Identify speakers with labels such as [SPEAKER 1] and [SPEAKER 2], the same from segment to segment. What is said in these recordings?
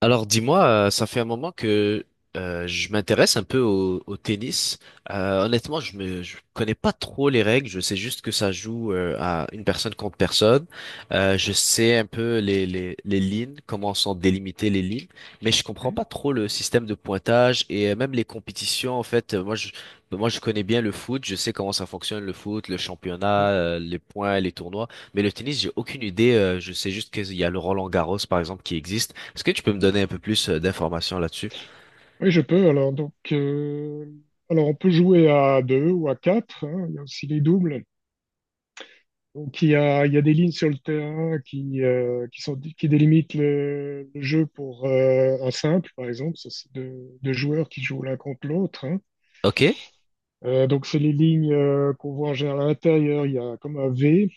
[SPEAKER 1] Alors dis-moi, ça fait un moment que je m'intéresse un peu au tennis. Honnêtement, je me je connais pas trop les règles. Je sais juste que ça joue à une personne contre personne. Je sais un peu les les lignes, comment sont délimitées les lignes, mais je comprends
[SPEAKER 2] Mhm.
[SPEAKER 1] pas trop le système de pointage et même les compétitions. En fait, moi je connais bien le foot. Je sais comment ça fonctionne le foot, le championnat,
[SPEAKER 2] Mhm.
[SPEAKER 1] les points, les tournois. Mais le tennis, j'ai aucune idée. Je sais juste qu'il y a le Roland-Garros, par exemple, qui existe. Est-ce que tu peux me donner un peu plus d'informations là-dessus?
[SPEAKER 2] Oui, je peux. Alors, donc, on peut jouer à deux ou à quatre, hein. Il y a aussi les doubles. Donc, il y a des lignes sur le terrain qui sont, qui délimitent le jeu pour un simple, par exemple. Ça, c'est deux joueurs qui jouent l'un contre l'autre, hein.
[SPEAKER 1] Ok,
[SPEAKER 2] Donc, c'est les lignes qu'on voit en général à l'intérieur. Il y a comme un V.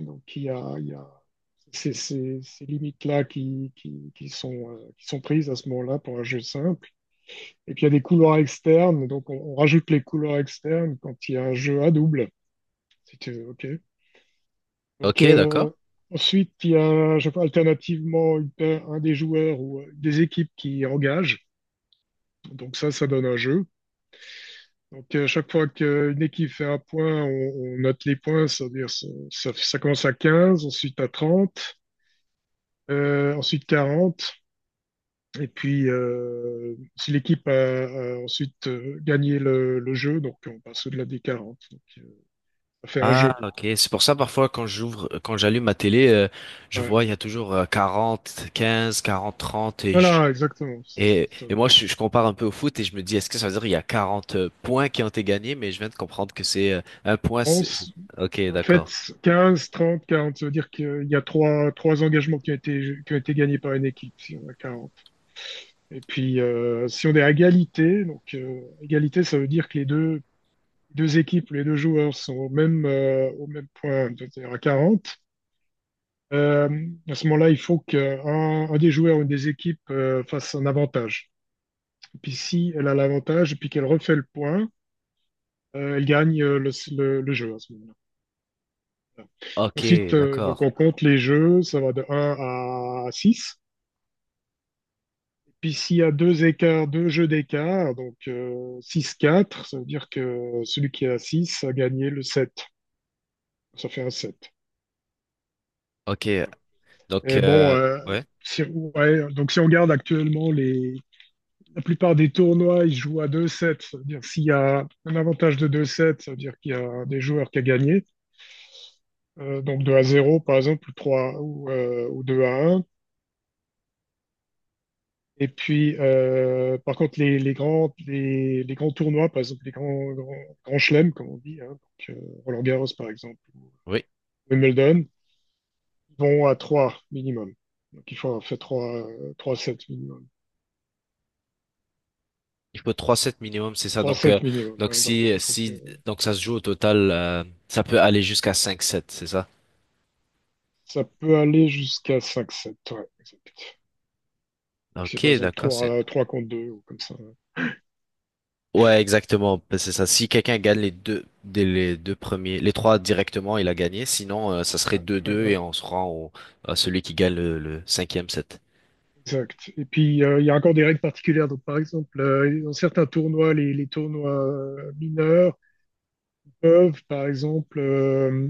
[SPEAKER 2] Donc, il y a ces limites-là qui sont prises à ce moment-là pour un jeu simple. Et puis il y a des couloirs externes, donc on rajoute les couloirs externes quand il y a un jeu à double, si tu veux, ok. Donc,
[SPEAKER 1] ok, d'accord.
[SPEAKER 2] ensuite, il y a je sais pas, alternativement un des joueurs ou des équipes qui engagent, donc ça donne un jeu. Donc, chaque fois qu'une équipe fait un point, on note les points, c'est-à-dire ça commence à 15, ensuite à 30, ensuite 40, et puis si l'équipe a ensuite gagné le jeu, donc on passe au-delà des 40. Donc, ça fait un
[SPEAKER 1] Ah,
[SPEAKER 2] jeu.
[SPEAKER 1] ok. C'est pour ça, parfois, quand quand j'allume ma télé, je
[SPEAKER 2] Ouais.
[SPEAKER 1] vois, il y a toujours 40, 15, 40, 30
[SPEAKER 2] Voilà, exactement. C'est
[SPEAKER 1] Et,
[SPEAKER 2] ça.
[SPEAKER 1] et moi, je compare un peu au foot et je me dis, est-ce que ça veut dire qu'il y a 40 points qui ont été gagnés? Mais je viens de comprendre que c'est un point.
[SPEAKER 2] On s-
[SPEAKER 1] Ok,
[SPEAKER 2] En fait,
[SPEAKER 1] d'accord.
[SPEAKER 2] 15 30 40 ça veut dire qu'il y a trois engagements qui ont été gagnés par une équipe, si on a quarante. Et puis, si on est à égalité, donc égalité, ça veut dire que les deux équipes, les deux joueurs sont au même point, c'est-à-dire à 40. À ce moment-là, il faut qu'un des joueurs ou une des équipes fasse un avantage. Et puis, si elle a l'avantage et puis qu'elle refait le point, elle gagne le jeu à ce moment-là. Voilà.
[SPEAKER 1] Ok,
[SPEAKER 2] Ensuite, donc
[SPEAKER 1] d'accord.
[SPEAKER 2] on compte les jeux, ça va de un à 6. Puis s'il y a deux écarts, deux jeux d'écart, donc 6-4, ça veut dire que celui qui est à 6 a gagné le 7. Ça fait un 7.
[SPEAKER 1] Ok. Donc,
[SPEAKER 2] Et bon,
[SPEAKER 1] ouais.
[SPEAKER 2] ouais, donc si on regarde actuellement les... La plupart des tournois, ils jouent à deux 7. Ça veut dire s'il y a un avantage de deux 7, ça veut dire qu'il y a un des joueurs qui a gagné. Donc 2-0 par exemple, ou 3 ou 2-1. Et puis, par contre, les grands tournois, par exemple, les grands chelems, comme on dit, hein, donc, euh, Roland-Garros, par exemple,
[SPEAKER 1] Oui.
[SPEAKER 2] Wimbledon, vont à 3 minimum. Donc, il faut avoir fait trois sets minimum.
[SPEAKER 1] Il faut trois sets minimum, c'est ça.
[SPEAKER 2] Trois sets minimum,
[SPEAKER 1] Donc
[SPEAKER 2] ouais, donc
[SPEAKER 1] si,
[SPEAKER 2] il faut que
[SPEAKER 1] si, donc ça se joue au total, ça peut aller jusqu'à cinq sets, c'est ça?
[SPEAKER 2] ça peut aller jusqu'à 5 sets, ouais. C'est
[SPEAKER 1] Ok,
[SPEAKER 2] par exemple
[SPEAKER 1] d'accord, c'est.
[SPEAKER 2] 3 3 contre 2 ou comme ça.
[SPEAKER 1] Ouais, exactement, ben, c'est ça. Si quelqu'un gagne les deux, les deux premiers, les trois directement, il a gagné. Sinon, ça serait
[SPEAKER 2] Ouais,
[SPEAKER 1] deux
[SPEAKER 2] ouais,
[SPEAKER 1] deux et
[SPEAKER 2] ouais,
[SPEAKER 1] on se rend à celui qui gagne le cinquième set.
[SPEAKER 2] exact. Et puis, il y a encore des règles particulières. Donc, par exemple, dans certains tournois, les tournois mineurs, peuvent, par exemple,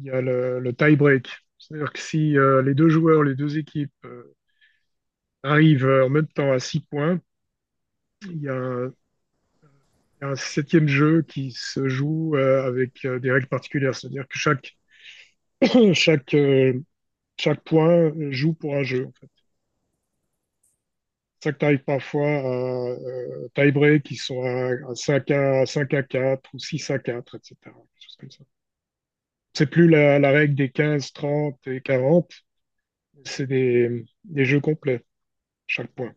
[SPEAKER 2] il y a le tie-break. C'est-à-dire que si les deux joueurs, les deux équipes arrivent en même temps à six points, il y a un, il y a un septième jeu qui se joue avec des règles particulières. C'est-à-dire que chaque, euh, chaque point joue pour un jeu. En fait. C'est ça que tu arrives parfois à tie-break qui sont à 5 à, 5 à 4 ou 6 à 4, etc. Quelque chose comme ça. C'est plus la règle des 15, 30 et 40. C'est des jeux complets, chaque point.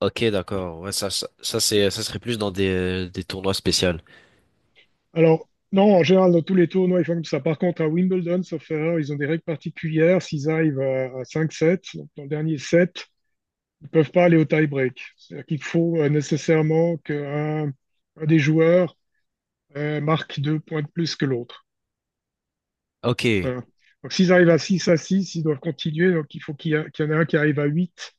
[SPEAKER 1] Ok, d'accord. Ouais, ça serait plus dans des tournois spéciaux.
[SPEAKER 2] Alors, non, en général, dans tous les tournois, ils font comme ça. Par contre, à Wimbledon, sauf erreur, ils ont des règles particulières. S'ils arrivent à 5-7, donc dans le dernier set, ils ne peuvent pas aller au tie-break. C'est-à-dire qu'il faut nécessairement qu'un des joueurs marque deux points de plus que l'autre.
[SPEAKER 1] Ok. Et
[SPEAKER 2] Voilà. Donc, s'ils arrivent à 6 à 6, ils doivent continuer. Donc, il faut qu'il y en ait un qui arrive à 8,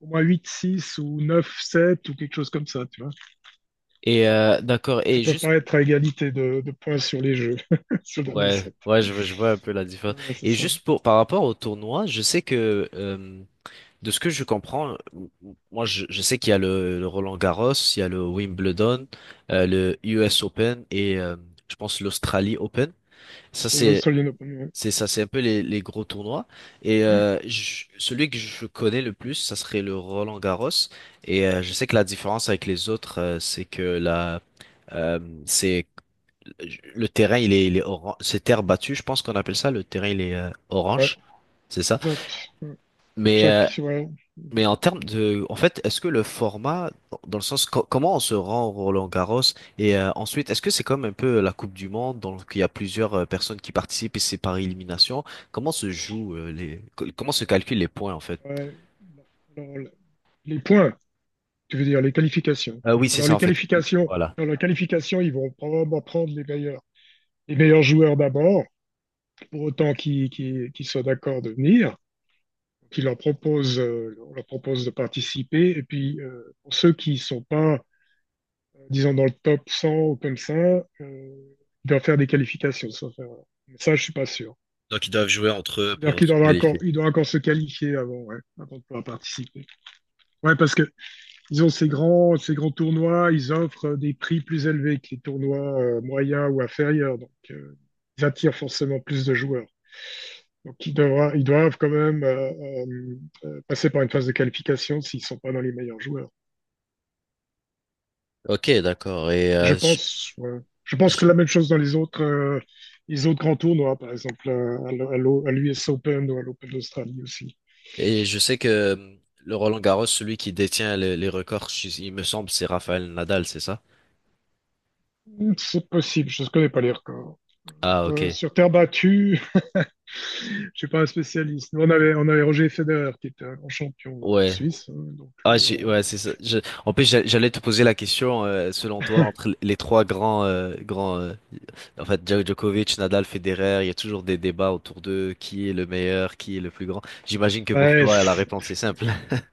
[SPEAKER 2] au moins 8-6 ou 9-7 ou quelque chose comme ça. Tu vois.
[SPEAKER 1] d'accord.
[SPEAKER 2] Qui
[SPEAKER 1] Et
[SPEAKER 2] peuvent
[SPEAKER 1] juste
[SPEAKER 2] pas être à égalité de points sur les jeux, sur le dernier
[SPEAKER 1] ouais,
[SPEAKER 2] set.
[SPEAKER 1] ouais, je vois un peu la différence.
[SPEAKER 2] Ouais, c'est
[SPEAKER 1] Et
[SPEAKER 2] ça.
[SPEAKER 1] juste pour par rapport au tournoi, je sais que de ce que je comprends, moi je sais qu'il y a le Roland-Garros, il y a le Wimbledon, le US Open et je pense l'Australie Open. Ça
[SPEAKER 2] C'est l'Australian Open.
[SPEAKER 1] c'est ça, c'est un peu les gros tournois. Et
[SPEAKER 2] Ouais,
[SPEAKER 1] celui que je connais le plus, ça serait le Roland-Garros. Et je sais que la différence avec les autres, c'est que la euh, c'est le terrain il est orange, c'est terre battue, je pense qu'on appelle ça, le terrain il est
[SPEAKER 2] ouais,
[SPEAKER 1] orange, c'est ça.
[SPEAKER 2] exact. Ouais.
[SPEAKER 1] Mais euh,
[SPEAKER 2] Chaque. Ouais.
[SPEAKER 1] mais en termes de, en fait, est-ce que le format, dans le sens comment on se rend au Roland-Garros et ensuite, est-ce que c'est comme un peu la Coupe du Monde, donc il y a plusieurs personnes qui participent et c'est par élimination, comment se joue comment se calculent les points en fait?
[SPEAKER 2] Ouais. Alors, les points, tu veux dire les qualifications.
[SPEAKER 1] Oui, c'est
[SPEAKER 2] Alors,
[SPEAKER 1] ça
[SPEAKER 2] les
[SPEAKER 1] en fait.
[SPEAKER 2] qualifications,
[SPEAKER 1] Voilà.
[SPEAKER 2] dans la qualification, ils vont probablement prendre les meilleurs joueurs d'abord, pour autant qu'ils soient d'accord de venir. On leur propose de participer. Et puis, pour ceux qui sont pas disons dans le top 100 ou comme ça, il doit faire des qualifications. Ça je suis pas sûr.
[SPEAKER 1] Donc ils doivent jouer entre eux
[SPEAKER 2] C'est-à-dire
[SPEAKER 1] pour
[SPEAKER 2] qu'il
[SPEAKER 1] se
[SPEAKER 2] doit encore,
[SPEAKER 1] qualifier.
[SPEAKER 2] il doit encore se qualifier avant, ouais, avant de pouvoir participer. Ouais, parce que ils ont ces grands tournois, ils offrent des prix plus élevés que les tournois moyens ou inférieurs, donc ils attirent forcément plus de joueurs. Donc ils doivent quand même passer par une phase de qualification s'ils sont pas dans les meilleurs joueurs.
[SPEAKER 1] Ok, d'accord. Et
[SPEAKER 2] Je pense, ouais. Je pense que
[SPEAKER 1] j-
[SPEAKER 2] la même chose dans les autres grands tournois, par exemple à l'US Open ou à l'Open d'Australie aussi.
[SPEAKER 1] et je sais que le Roland Garros, celui qui détient les records, il me semble, c'est Rafael Nadal, c'est ça?
[SPEAKER 2] C'est possible, je ne connais pas les records.
[SPEAKER 1] Ah,
[SPEAKER 2] Euh,
[SPEAKER 1] ok.
[SPEAKER 2] sur terre battue, je suis pas un spécialiste. Nous, on avait Roger Federer qui était un grand champion
[SPEAKER 1] Ouais.
[SPEAKER 2] suisse, hein, donc
[SPEAKER 1] Ah,
[SPEAKER 2] lui,
[SPEAKER 1] j'ai- ouais, c'est ça. En plus, j'allais te poser la question, selon toi, entre les trois grands, en fait, Djokovic, Nadal, Federer, il y a toujours des débats autour d'eux, qui est le meilleur, qui est le plus grand. J'imagine que pour
[SPEAKER 2] ouais,
[SPEAKER 1] toi, la réponse est simple.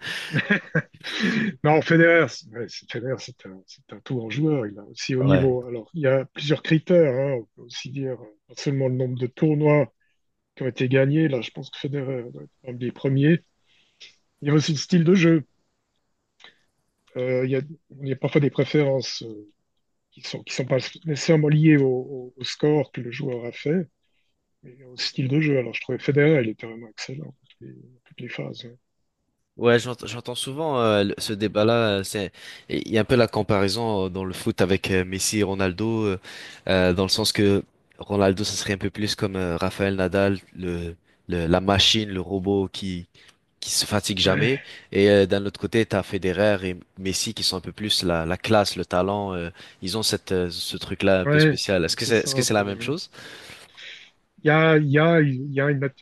[SPEAKER 2] non, Federer, c'est un tout grand joueur, il a aussi au
[SPEAKER 1] Ouais.
[SPEAKER 2] niveau. Alors, il y a plusieurs critères, hein, on peut aussi dire, pas seulement le nombre de tournois, qui ont été gagnés. Là, je pense que Federer doit être un des premiers. Il y a aussi le style de jeu. Euh, il y a, il y a parfois des préférences qui sont pas nécessairement liées au score que le joueur a fait, mais au style de jeu. Alors, je trouvais Federer, il était vraiment excellent dans toutes les phases.
[SPEAKER 1] Ouais, j'entends souvent ce débat-là. C'est, il y a un peu la comparaison dans le foot avec Messi et Ronaldo, dans le sens que Ronaldo, ça serait un peu plus comme Rafael Nadal, la machine, le robot qui se fatigue jamais.
[SPEAKER 2] Ouais,
[SPEAKER 1] Et d'un autre côté, t'as Federer et Messi qui sont un peu plus la classe, le talent. Ils ont cette ce truc-là un peu
[SPEAKER 2] ouais,
[SPEAKER 1] spécial.
[SPEAKER 2] ouais, c'est ça
[SPEAKER 1] Est-ce que
[SPEAKER 2] un
[SPEAKER 1] c'est la même
[SPEAKER 2] peu.
[SPEAKER 1] chose?
[SPEAKER 2] Il y a, il y a, il y a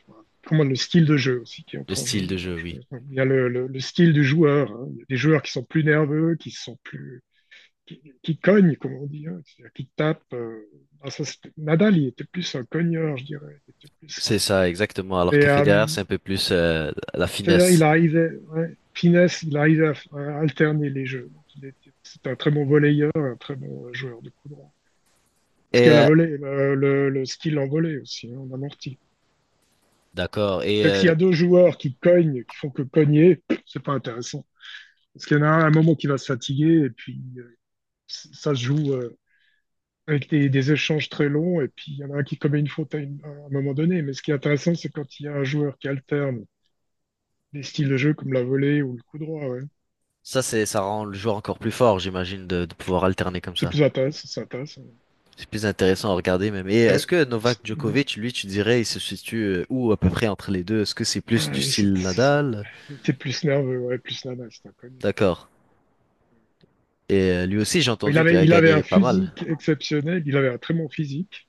[SPEAKER 2] comment le style de jeu aussi qui
[SPEAKER 1] Le
[SPEAKER 2] entre en jeu.
[SPEAKER 1] style de
[SPEAKER 2] en
[SPEAKER 1] jeu, oui.
[SPEAKER 2] jeu. Il y a le style du joueur, hein. Il y a des joueurs qui sont plus nerveux, qui sont plus qui cogne, comme on dit, hein, c'est-à-dire qui tape. Nadal, il était plus un cogneur, je dirais. Il était plus...
[SPEAKER 1] C'est ça, exactement. Alors
[SPEAKER 2] Et
[SPEAKER 1] que Federer, c'est un peu plus la
[SPEAKER 2] c'est-à-dire, il
[SPEAKER 1] finesse.
[SPEAKER 2] arrivait, ouais, finesse, il arrivait à alterner les jeux. Donc, il était, c'est un très bon volleyeur, un très bon joueur de coup droit. Parce qu'il
[SPEAKER 1] Et
[SPEAKER 2] y a la volée, le skill en volée aussi, hein, en amorti.
[SPEAKER 1] d'accord. Et
[SPEAKER 2] C'est-à-dire que s'il y a deux joueurs qui cognent, qui font que cogner, c'est pas intéressant. Parce qu'il y en a un à un moment qui va se fatiguer et puis ça se joue, avec des échanges très longs, et puis il y en a un qui commet une faute à un moment donné. Mais ce qui est intéressant, c'est quand il y a un joueur qui alterne des styles de jeu comme la volée ou le coup droit, ouais.
[SPEAKER 1] ça, ça rend le joueur encore plus fort, j'imagine, de pouvoir alterner comme
[SPEAKER 2] C'est
[SPEAKER 1] ça.
[SPEAKER 2] plus intéressant, c'est intéressant.
[SPEAKER 1] C'est plus intéressant à regarder même. Et
[SPEAKER 2] Il y
[SPEAKER 1] est-ce
[SPEAKER 2] avait-
[SPEAKER 1] que Novak Djokovic, lui, tu dirais, il se situe où à peu près entre les deux? Est-ce que c'est plus du style
[SPEAKER 2] c'est-
[SPEAKER 1] Nadal?
[SPEAKER 2] Il était plus nerveux, ouais, plus nerveux, c'est inconnu.
[SPEAKER 1] D'accord. Et lui aussi, j'ai
[SPEAKER 2] Il
[SPEAKER 1] entendu qu'il
[SPEAKER 2] avait,
[SPEAKER 1] a
[SPEAKER 2] il avait
[SPEAKER 1] gagné
[SPEAKER 2] un
[SPEAKER 1] pas mal.
[SPEAKER 2] physique exceptionnel, il avait un très bon physique,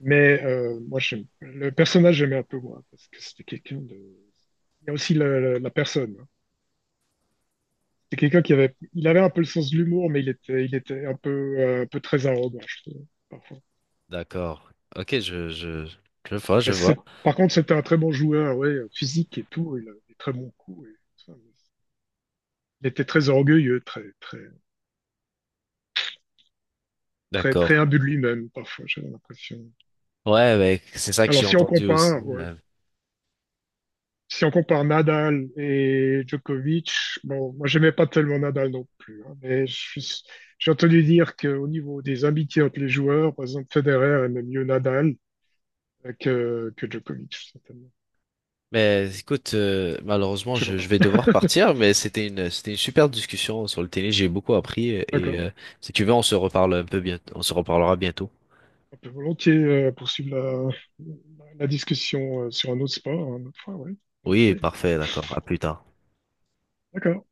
[SPEAKER 2] mais moi, le personnage, j'aimais un peu moins, parce que c'était quelqu'un de... Il y a aussi la personne. C'est quelqu'un qui avait, il avait un peu le sens de l'humour, mais il était un peu très arrogant, je trouve, parfois.
[SPEAKER 1] D'accord. Ok, je vois, je
[SPEAKER 2] Mais c'est-
[SPEAKER 1] vois.
[SPEAKER 2] Par contre, c'était un très bon joueur, ouais, physique et tout, il a des très bons coups, et tout ça, mais il était très orgueilleux, très, très, très, très
[SPEAKER 1] D'accord.
[SPEAKER 2] imbu de lui-même, parfois, j'ai l'impression.
[SPEAKER 1] Ouais, ouais, c'est ça que
[SPEAKER 2] Alors,
[SPEAKER 1] j'ai
[SPEAKER 2] si on
[SPEAKER 1] entendu aussi.
[SPEAKER 2] compare, ouais, si on compare Nadal et Djokovic, bon, moi, j'aimais pas tellement Nadal non plus, hein, mais j'ai entendu dire qu'au niveau des amitiés entre les joueurs, par exemple, Federer aimait mieux Nadal que Djokovic, certainement.
[SPEAKER 1] Mais écoute, malheureusement,
[SPEAKER 2] Je sais
[SPEAKER 1] je
[SPEAKER 2] pas.
[SPEAKER 1] vais devoir partir, mais c'était une super discussion sur le tennis. J'ai beaucoup appris et
[SPEAKER 2] D'accord.
[SPEAKER 1] si tu veux, on se reparle un peu bientôt, on se reparlera bientôt.
[SPEAKER 2] On peut volontiers poursuivre la discussion sur un autre sport, une autre fois, oui.
[SPEAKER 1] Oui,
[SPEAKER 2] Ok.
[SPEAKER 1] parfait, d'accord. À plus tard.
[SPEAKER 2] D'accord.